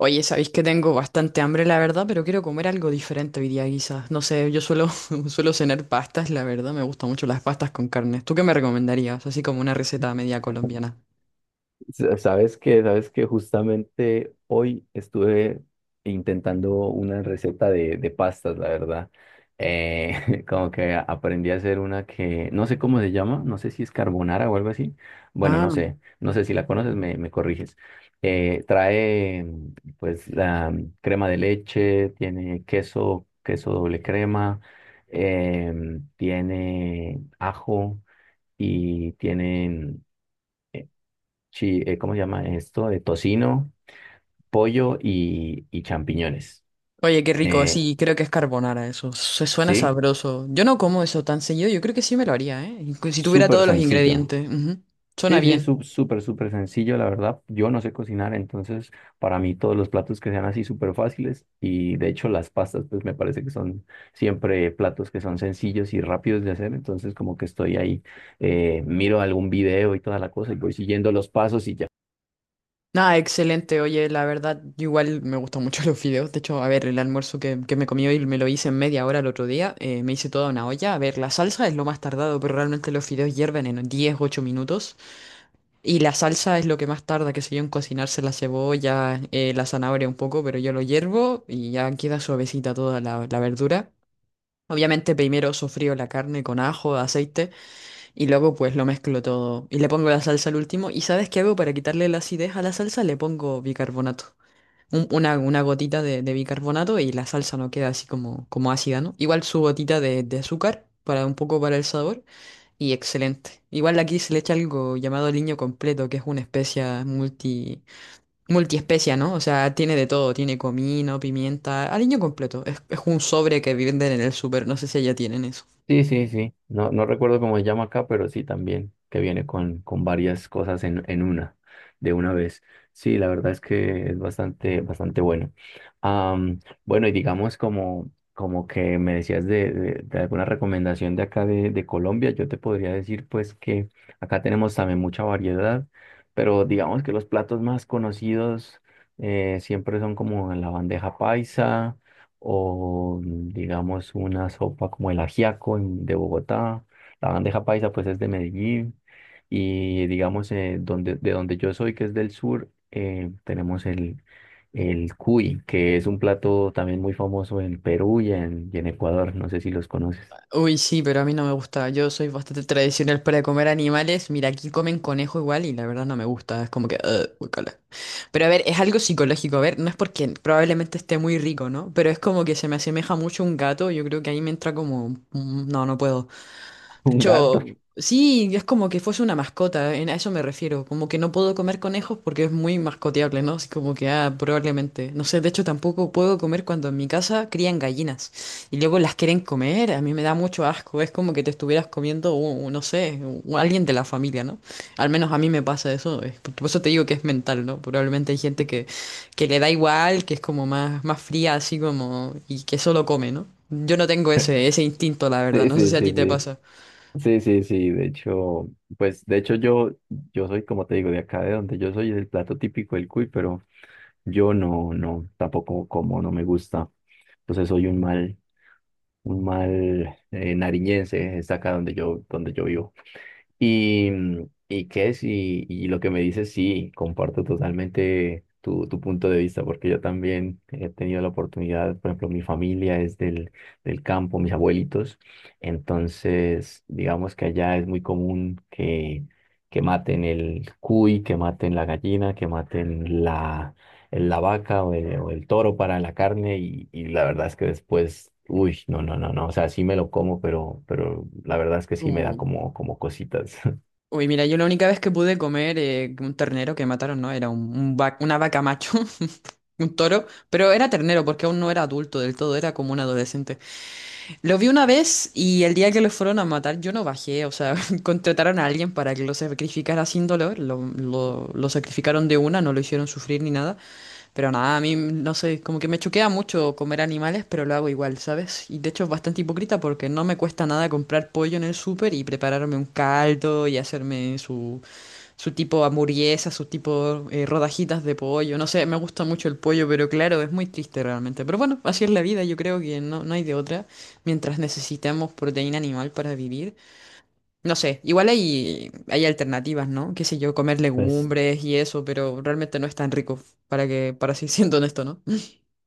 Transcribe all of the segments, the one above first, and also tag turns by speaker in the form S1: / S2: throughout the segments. S1: Oye, sabéis que tengo bastante hambre, la verdad, pero quiero comer algo diferente hoy día, quizás. No sé, yo suelo, suelo cenar pastas, la verdad, me gustan mucho las pastas con carne. ¿Tú qué me recomendarías? Así como una receta media colombiana.
S2: Sabes que justamente hoy estuve intentando una receta de pastas, la verdad. Como que aprendí a hacer una que no sé cómo se llama, no sé si es carbonara o algo así. Bueno, no
S1: Ah.
S2: sé, no sé si la conoces, me corriges. Trae pues la crema de leche, tiene queso, queso doble crema, tiene ajo y tienen ¿cómo se llama esto? De tocino, pollo y champiñones.
S1: Oye, qué rico,
S2: Eh,
S1: sí, creo que es carbonara eso. Se suena
S2: sí,
S1: sabroso. Yo no como eso tan seguido, yo creo que sí me lo haría, ¿eh? Si tuviera
S2: súper
S1: todos los
S2: sencillo.
S1: ingredientes. Ujú. Suena
S2: Sí, sí,
S1: bien.
S2: súper, súper sencillo, la verdad. Yo no sé cocinar, entonces para mí todos los platos que sean así súper fáciles y de hecho las pastas pues me parece que son siempre platos que son sencillos y rápidos de hacer, entonces como que estoy ahí, miro algún video y toda la cosa y voy siguiendo los pasos y ya.
S1: Nada, excelente. Oye, la verdad, igual me gustan mucho los videos. De hecho, a ver, el almuerzo que me comí hoy me lo hice en media hora el otro día. Me hice toda una olla. A ver, la salsa es lo más tardado, pero realmente los fideos hierven en 10 8 minutos. Y la salsa es lo que más tarda, que sé yo, en cocinarse la cebolla, la zanahoria un poco, pero yo lo hiervo y ya queda suavecita toda la verdura. Obviamente primero sofrío la carne con ajo, aceite. Y luego pues lo mezclo todo y le pongo la salsa al último. ¿Y sabes qué hago para quitarle la acidez a la salsa? Le pongo bicarbonato. Una gotita de bicarbonato y la salsa no queda así como, como ácida, ¿no? Igual su gotita de azúcar para un poco para el sabor y excelente. Igual aquí se le echa algo llamado aliño completo, que es una multiespecia, ¿no? O sea, tiene de todo, tiene comino, pimienta, aliño completo. Es un sobre que venden en el súper, no sé si allá tienen eso.
S2: Sí, sí, sí. No, no recuerdo cómo se llama acá, pero sí también, que viene con varias cosas en una, de una vez. Sí, la verdad es que es bastante, bastante bueno. Am, bueno, y digamos como, como que me decías de alguna recomendación de acá de Colombia, yo te podría decir pues que acá tenemos también mucha variedad, pero digamos que los platos más conocidos siempre son como la bandeja paisa o digamos una sopa como el ajiaco de Bogotá, la bandeja paisa pues es de Medellín y digamos donde, de donde yo soy que es del sur tenemos el cuy que es un plato también muy famoso en Perú y en Ecuador, no sé si los conoces.
S1: Uy, sí, pero a mí no me gusta. Yo soy bastante tradicional para comer animales. Mira, aquí comen conejo igual y la verdad no me gusta. Es como que... "Ugh, guácala". Pero a ver, es algo psicológico. A ver, no es porque probablemente esté muy rico, ¿no? Pero es como que se me asemeja mucho a un gato. Yo creo que ahí me entra como... No, no puedo. De
S2: Un
S1: hecho,
S2: gato.
S1: sí, es como que fuese una mascota, a eso me refiero. Como que no puedo comer conejos porque es muy mascoteable, ¿no? Así como que, ah, probablemente. No sé, de hecho tampoco puedo comer cuando en mi casa crían gallinas y luego las quieren comer. A mí me da mucho asco, es como que te estuvieras comiendo, no sé, alguien de la familia, ¿no? Al menos a mí me pasa eso. Por eso te digo que es mental, ¿no? Probablemente hay gente que le da igual, que es como más, más fría, así como, y que solo come, ¿no? Yo no tengo ese, ese instinto, la verdad.
S2: Sí,
S1: No sé
S2: sí,
S1: si a ti
S2: sí,
S1: te
S2: sí.
S1: pasa.
S2: Sí, sí, sí, de hecho, pues de hecho yo soy, como te digo, de acá de donde yo soy, es el plato típico del cuy, pero yo no, no, tampoco como, no me gusta. Entonces soy un mal nariñense, está acá donde yo vivo. Y, y qué es, y lo que me dices, sí, comparto totalmente tu, tu punto de vista, porque yo también he tenido la oportunidad, por ejemplo, mi familia es del, del campo, mis abuelitos, entonces digamos que allá es muy común que maten el cuy, que maten la gallina, que maten la vaca o el toro para la carne y la verdad es que después, uy, no, no, no, no, o sea, sí me lo como, pero la verdad es que sí me da
S1: Uh.
S2: como, como cositas.
S1: Uy, mira, yo la única vez que pude comer un ternero que mataron, no, era un, una vaca macho, un toro, pero era ternero porque aún no era adulto del todo, era como un adolescente. Lo vi una vez y el día que lo fueron a matar yo no bajé, o sea, contrataron a alguien para que lo sacrificara sin dolor, lo sacrificaron de una, no lo hicieron sufrir ni nada, pero nada, a mí no sé, como que me choquea mucho comer animales, pero lo hago igual, ¿sabes? Y de hecho es bastante hipócrita porque no me cuesta nada comprar pollo en el súper y prepararme un caldo y hacerme su tipo hamburguesa, su tipo rodajitas de pollo. No sé, me gusta mucho el pollo, pero claro, es muy triste realmente. Pero bueno, así es la vida, yo creo que no, no hay de otra mientras necesitamos proteína animal para vivir. No sé, igual hay, hay alternativas, ¿no? Qué sé yo, comer
S2: Pues
S1: legumbres y eso, pero realmente no es tan rico, para que, para así siendo honesto, ¿no?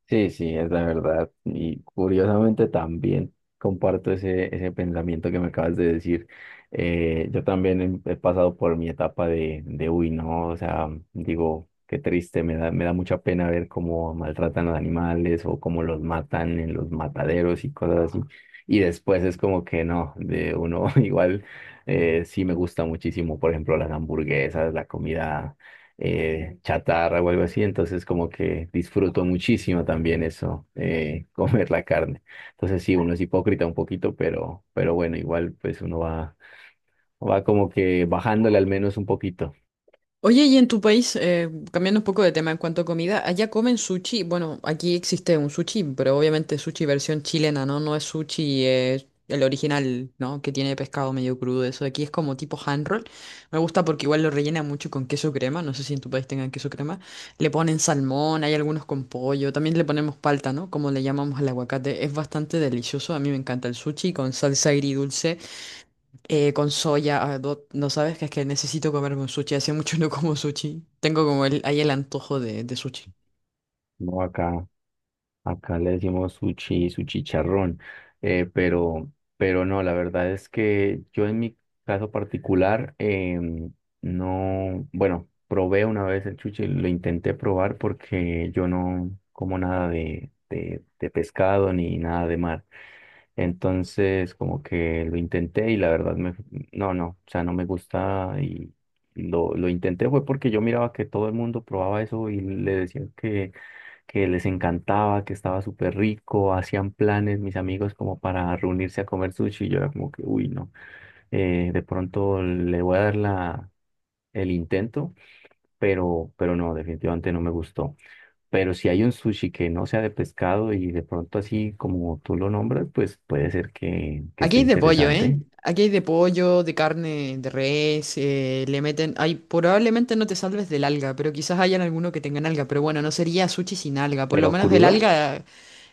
S2: sí, sí, es la verdad. Y curiosamente también comparto ese, ese pensamiento que me acabas de decir. Yo también he pasado por mi etapa uy, no, o sea, digo, qué triste, me da mucha pena ver cómo maltratan a los animales o cómo los matan en los mataderos y cosas así. Y después es como que no, de uno igual sí me gusta muchísimo, por ejemplo, las hamburguesas, la comida chatarra o algo así, entonces como que disfruto muchísimo también eso, comer la carne. Entonces sí, uno es hipócrita un poquito, pero bueno, igual pues uno va, va como que bajándole al menos un poquito.
S1: Oye, y en tu país, cambiando un poco de tema en cuanto a comida, allá comen sushi. Bueno, aquí existe un sushi, pero obviamente sushi versión chilena, ¿no? No es sushi, el original, ¿no? Que tiene pescado medio crudo, eso de aquí es como tipo hand roll. Me gusta porque igual lo rellenan mucho con queso crema, no sé si en tu país tengan queso crema. Le ponen salmón, hay algunos con pollo, también le ponemos palta, ¿no? Como le llamamos al aguacate. Es bastante delicioso, a mí me encanta el sushi con salsa agridulce. Con soya, ah, no, no sabes que es que necesito comerme un sushi. Hace mucho no como sushi. Tengo como el, ahí el antojo de sushi.
S2: No acá. Acá le decimos sushi, su chicharrón, eh, pero, pero no, la verdad es que yo en mi caso particular no, bueno, probé una vez el sushi, lo intenté probar porque yo no como nada de pescado ni nada de mar. Entonces, como que lo intenté y la verdad me, no, no, o sea, no me gusta y lo intenté fue porque yo miraba que todo el mundo probaba eso y le decía que les encantaba, que estaba súper rico, hacían planes mis amigos como para reunirse a comer sushi y yo era como que, uy, no, de pronto le voy a dar el intento, pero no, definitivamente no me gustó. Pero si hay un sushi que no sea de pescado y de pronto así como tú lo nombras, pues puede ser que
S1: Aquí
S2: esté
S1: hay de pollo, ¿eh?
S2: interesante,
S1: Aquí hay de pollo, de carne, de res, le meten... Ay, probablemente no te salves del alga, pero quizás hayan alguno que tengan alga. Pero bueno, no sería sushi sin alga. Por lo
S2: pero
S1: menos el
S2: crudo.
S1: alga.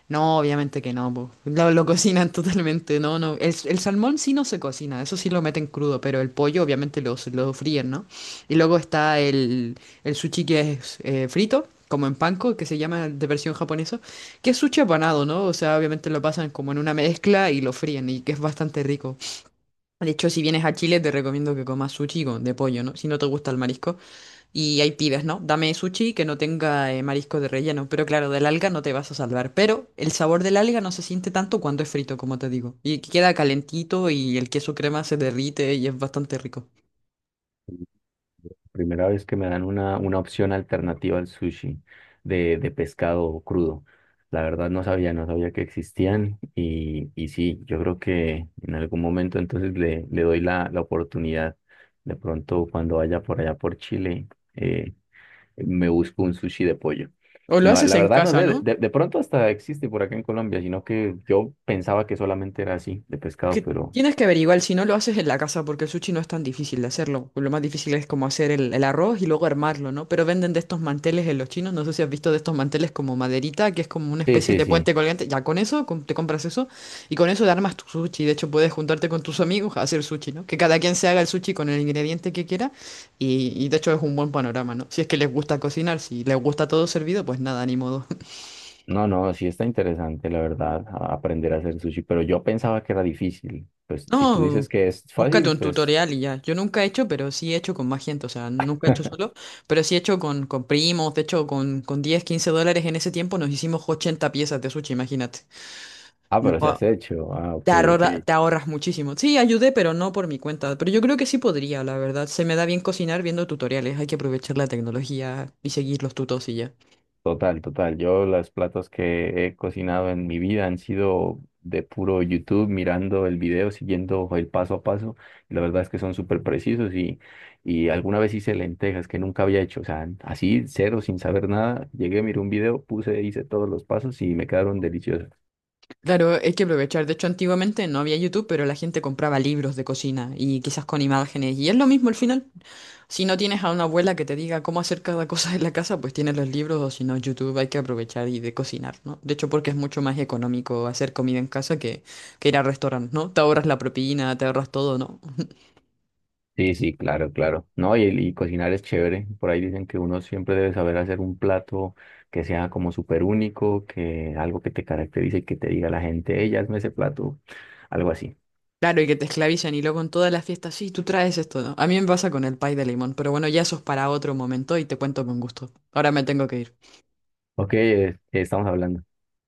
S1: No, obviamente que no, po. Lo cocinan totalmente, no, no. El salmón sí no se cocina, eso sí lo meten crudo, pero el pollo obviamente lo fríen, ¿no? Y luego está el sushi que es frito, como en panko, que se llama de versión japonesa, que es sushi apanado, ¿no? O sea, obviamente lo pasan como en una mezcla y lo fríen, y que es bastante rico. De hecho, si vienes a Chile, te recomiendo que comas de pollo, ¿no? Si no te gusta el marisco. Y ahí pides, ¿no? Dame sushi que no tenga marisco de relleno. Pero claro, del alga no te vas a salvar. Pero el sabor del alga no se siente tanto cuando es frito, como te digo. Y que queda calentito y el queso crema se derrite y es bastante rico.
S2: Primera vez que me dan una opción alternativa al sushi de pescado crudo. La verdad no sabía, no sabía que existían y sí, yo creo que en algún momento entonces le doy la oportunidad. De pronto cuando vaya por allá por Chile, eh, me busco un sushi de pollo.
S1: O lo
S2: No,
S1: haces
S2: la
S1: en
S2: verdad no
S1: casa,
S2: sé,
S1: ¿no?
S2: de pronto hasta existe por acá en Colombia, sino que yo pensaba que solamente era así, de pescado,
S1: Que
S2: pero
S1: tienes que averiguar, si no lo haces en la casa, porque el sushi no es tan difícil de hacerlo. Lo más difícil es como hacer el arroz y luego armarlo, ¿no? Pero venden de estos manteles en los chinos, no sé si has visto de estos manteles como maderita, que es como una
S2: sí,
S1: especie
S2: sí,
S1: de puente
S2: sí.
S1: colgante. Ya con eso, te compras eso y con eso te armas tu sushi. De hecho, puedes juntarte con tus amigos a hacer sushi, ¿no? Que cada quien se haga el sushi con el ingrediente que quiera y de hecho es un buen panorama, ¿no? Si es que les gusta cocinar, si les gusta todo servido, pues nada, ni modo.
S2: No, no, sí está interesante, la verdad, aprender a hacer sushi, pero yo pensaba que era difícil. Pues si tú dices
S1: No,
S2: que es
S1: búscate
S2: fácil,
S1: un
S2: pues...
S1: tutorial y ya. Yo nunca he hecho, pero sí he hecho con más gente. O sea, nunca he hecho solo, pero sí he hecho con primos. De hecho, con 10 15 dólares en ese tiempo nos hicimos 80 piezas de sushi, imagínate.
S2: Ah, pero se has
S1: No,
S2: hecho. Ah, ok, ok.
S1: te ahorras muchísimo. Sí, ayudé, pero no por mi cuenta. Pero yo creo que sí podría, la verdad. Se me da bien cocinar viendo tutoriales. Hay que aprovechar la tecnología y seguir los tutos y ya.
S2: Total, total. Yo los platos que he cocinado en mi vida han sido de puro YouTube, mirando el video, siguiendo el paso a paso. Y la verdad es que son súper precisos y alguna vez hice lentejas que nunca había hecho. O sea, así, cero, sin saber nada. Llegué, miré un video, puse, hice todos los pasos y me quedaron deliciosos.
S1: Claro, hay que aprovechar. De hecho, antiguamente no había YouTube, pero la gente compraba libros de cocina y quizás con imágenes. Y es lo mismo al final. Si no tienes a una abuela que te diga cómo hacer cada cosa en la casa, pues tienes los libros o si no YouTube hay que aprovechar y de cocinar, ¿no? De hecho, porque es mucho más económico hacer comida en casa que ir a restaurantes, ¿no? Te ahorras la propina, te ahorras todo, ¿no?
S2: Sí, sí, claro, claro. No, y cocinar es chévere. Por ahí dicen que uno siempre debe saber hacer un plato que sea como súper único, que algo que te caracterice y que te diga la gente, ella hazme ese plato, algo así.
S1: Claro, y que te esclavizan y luego en todas las fiestas, sí, tú traes esto, ¿no? A mí me pasa con el pay de limón, pero bueno, ya eso es para otro momento y te cuento con gusto. Ahora me tengo que ir.
S2: Ok, estamos hablando.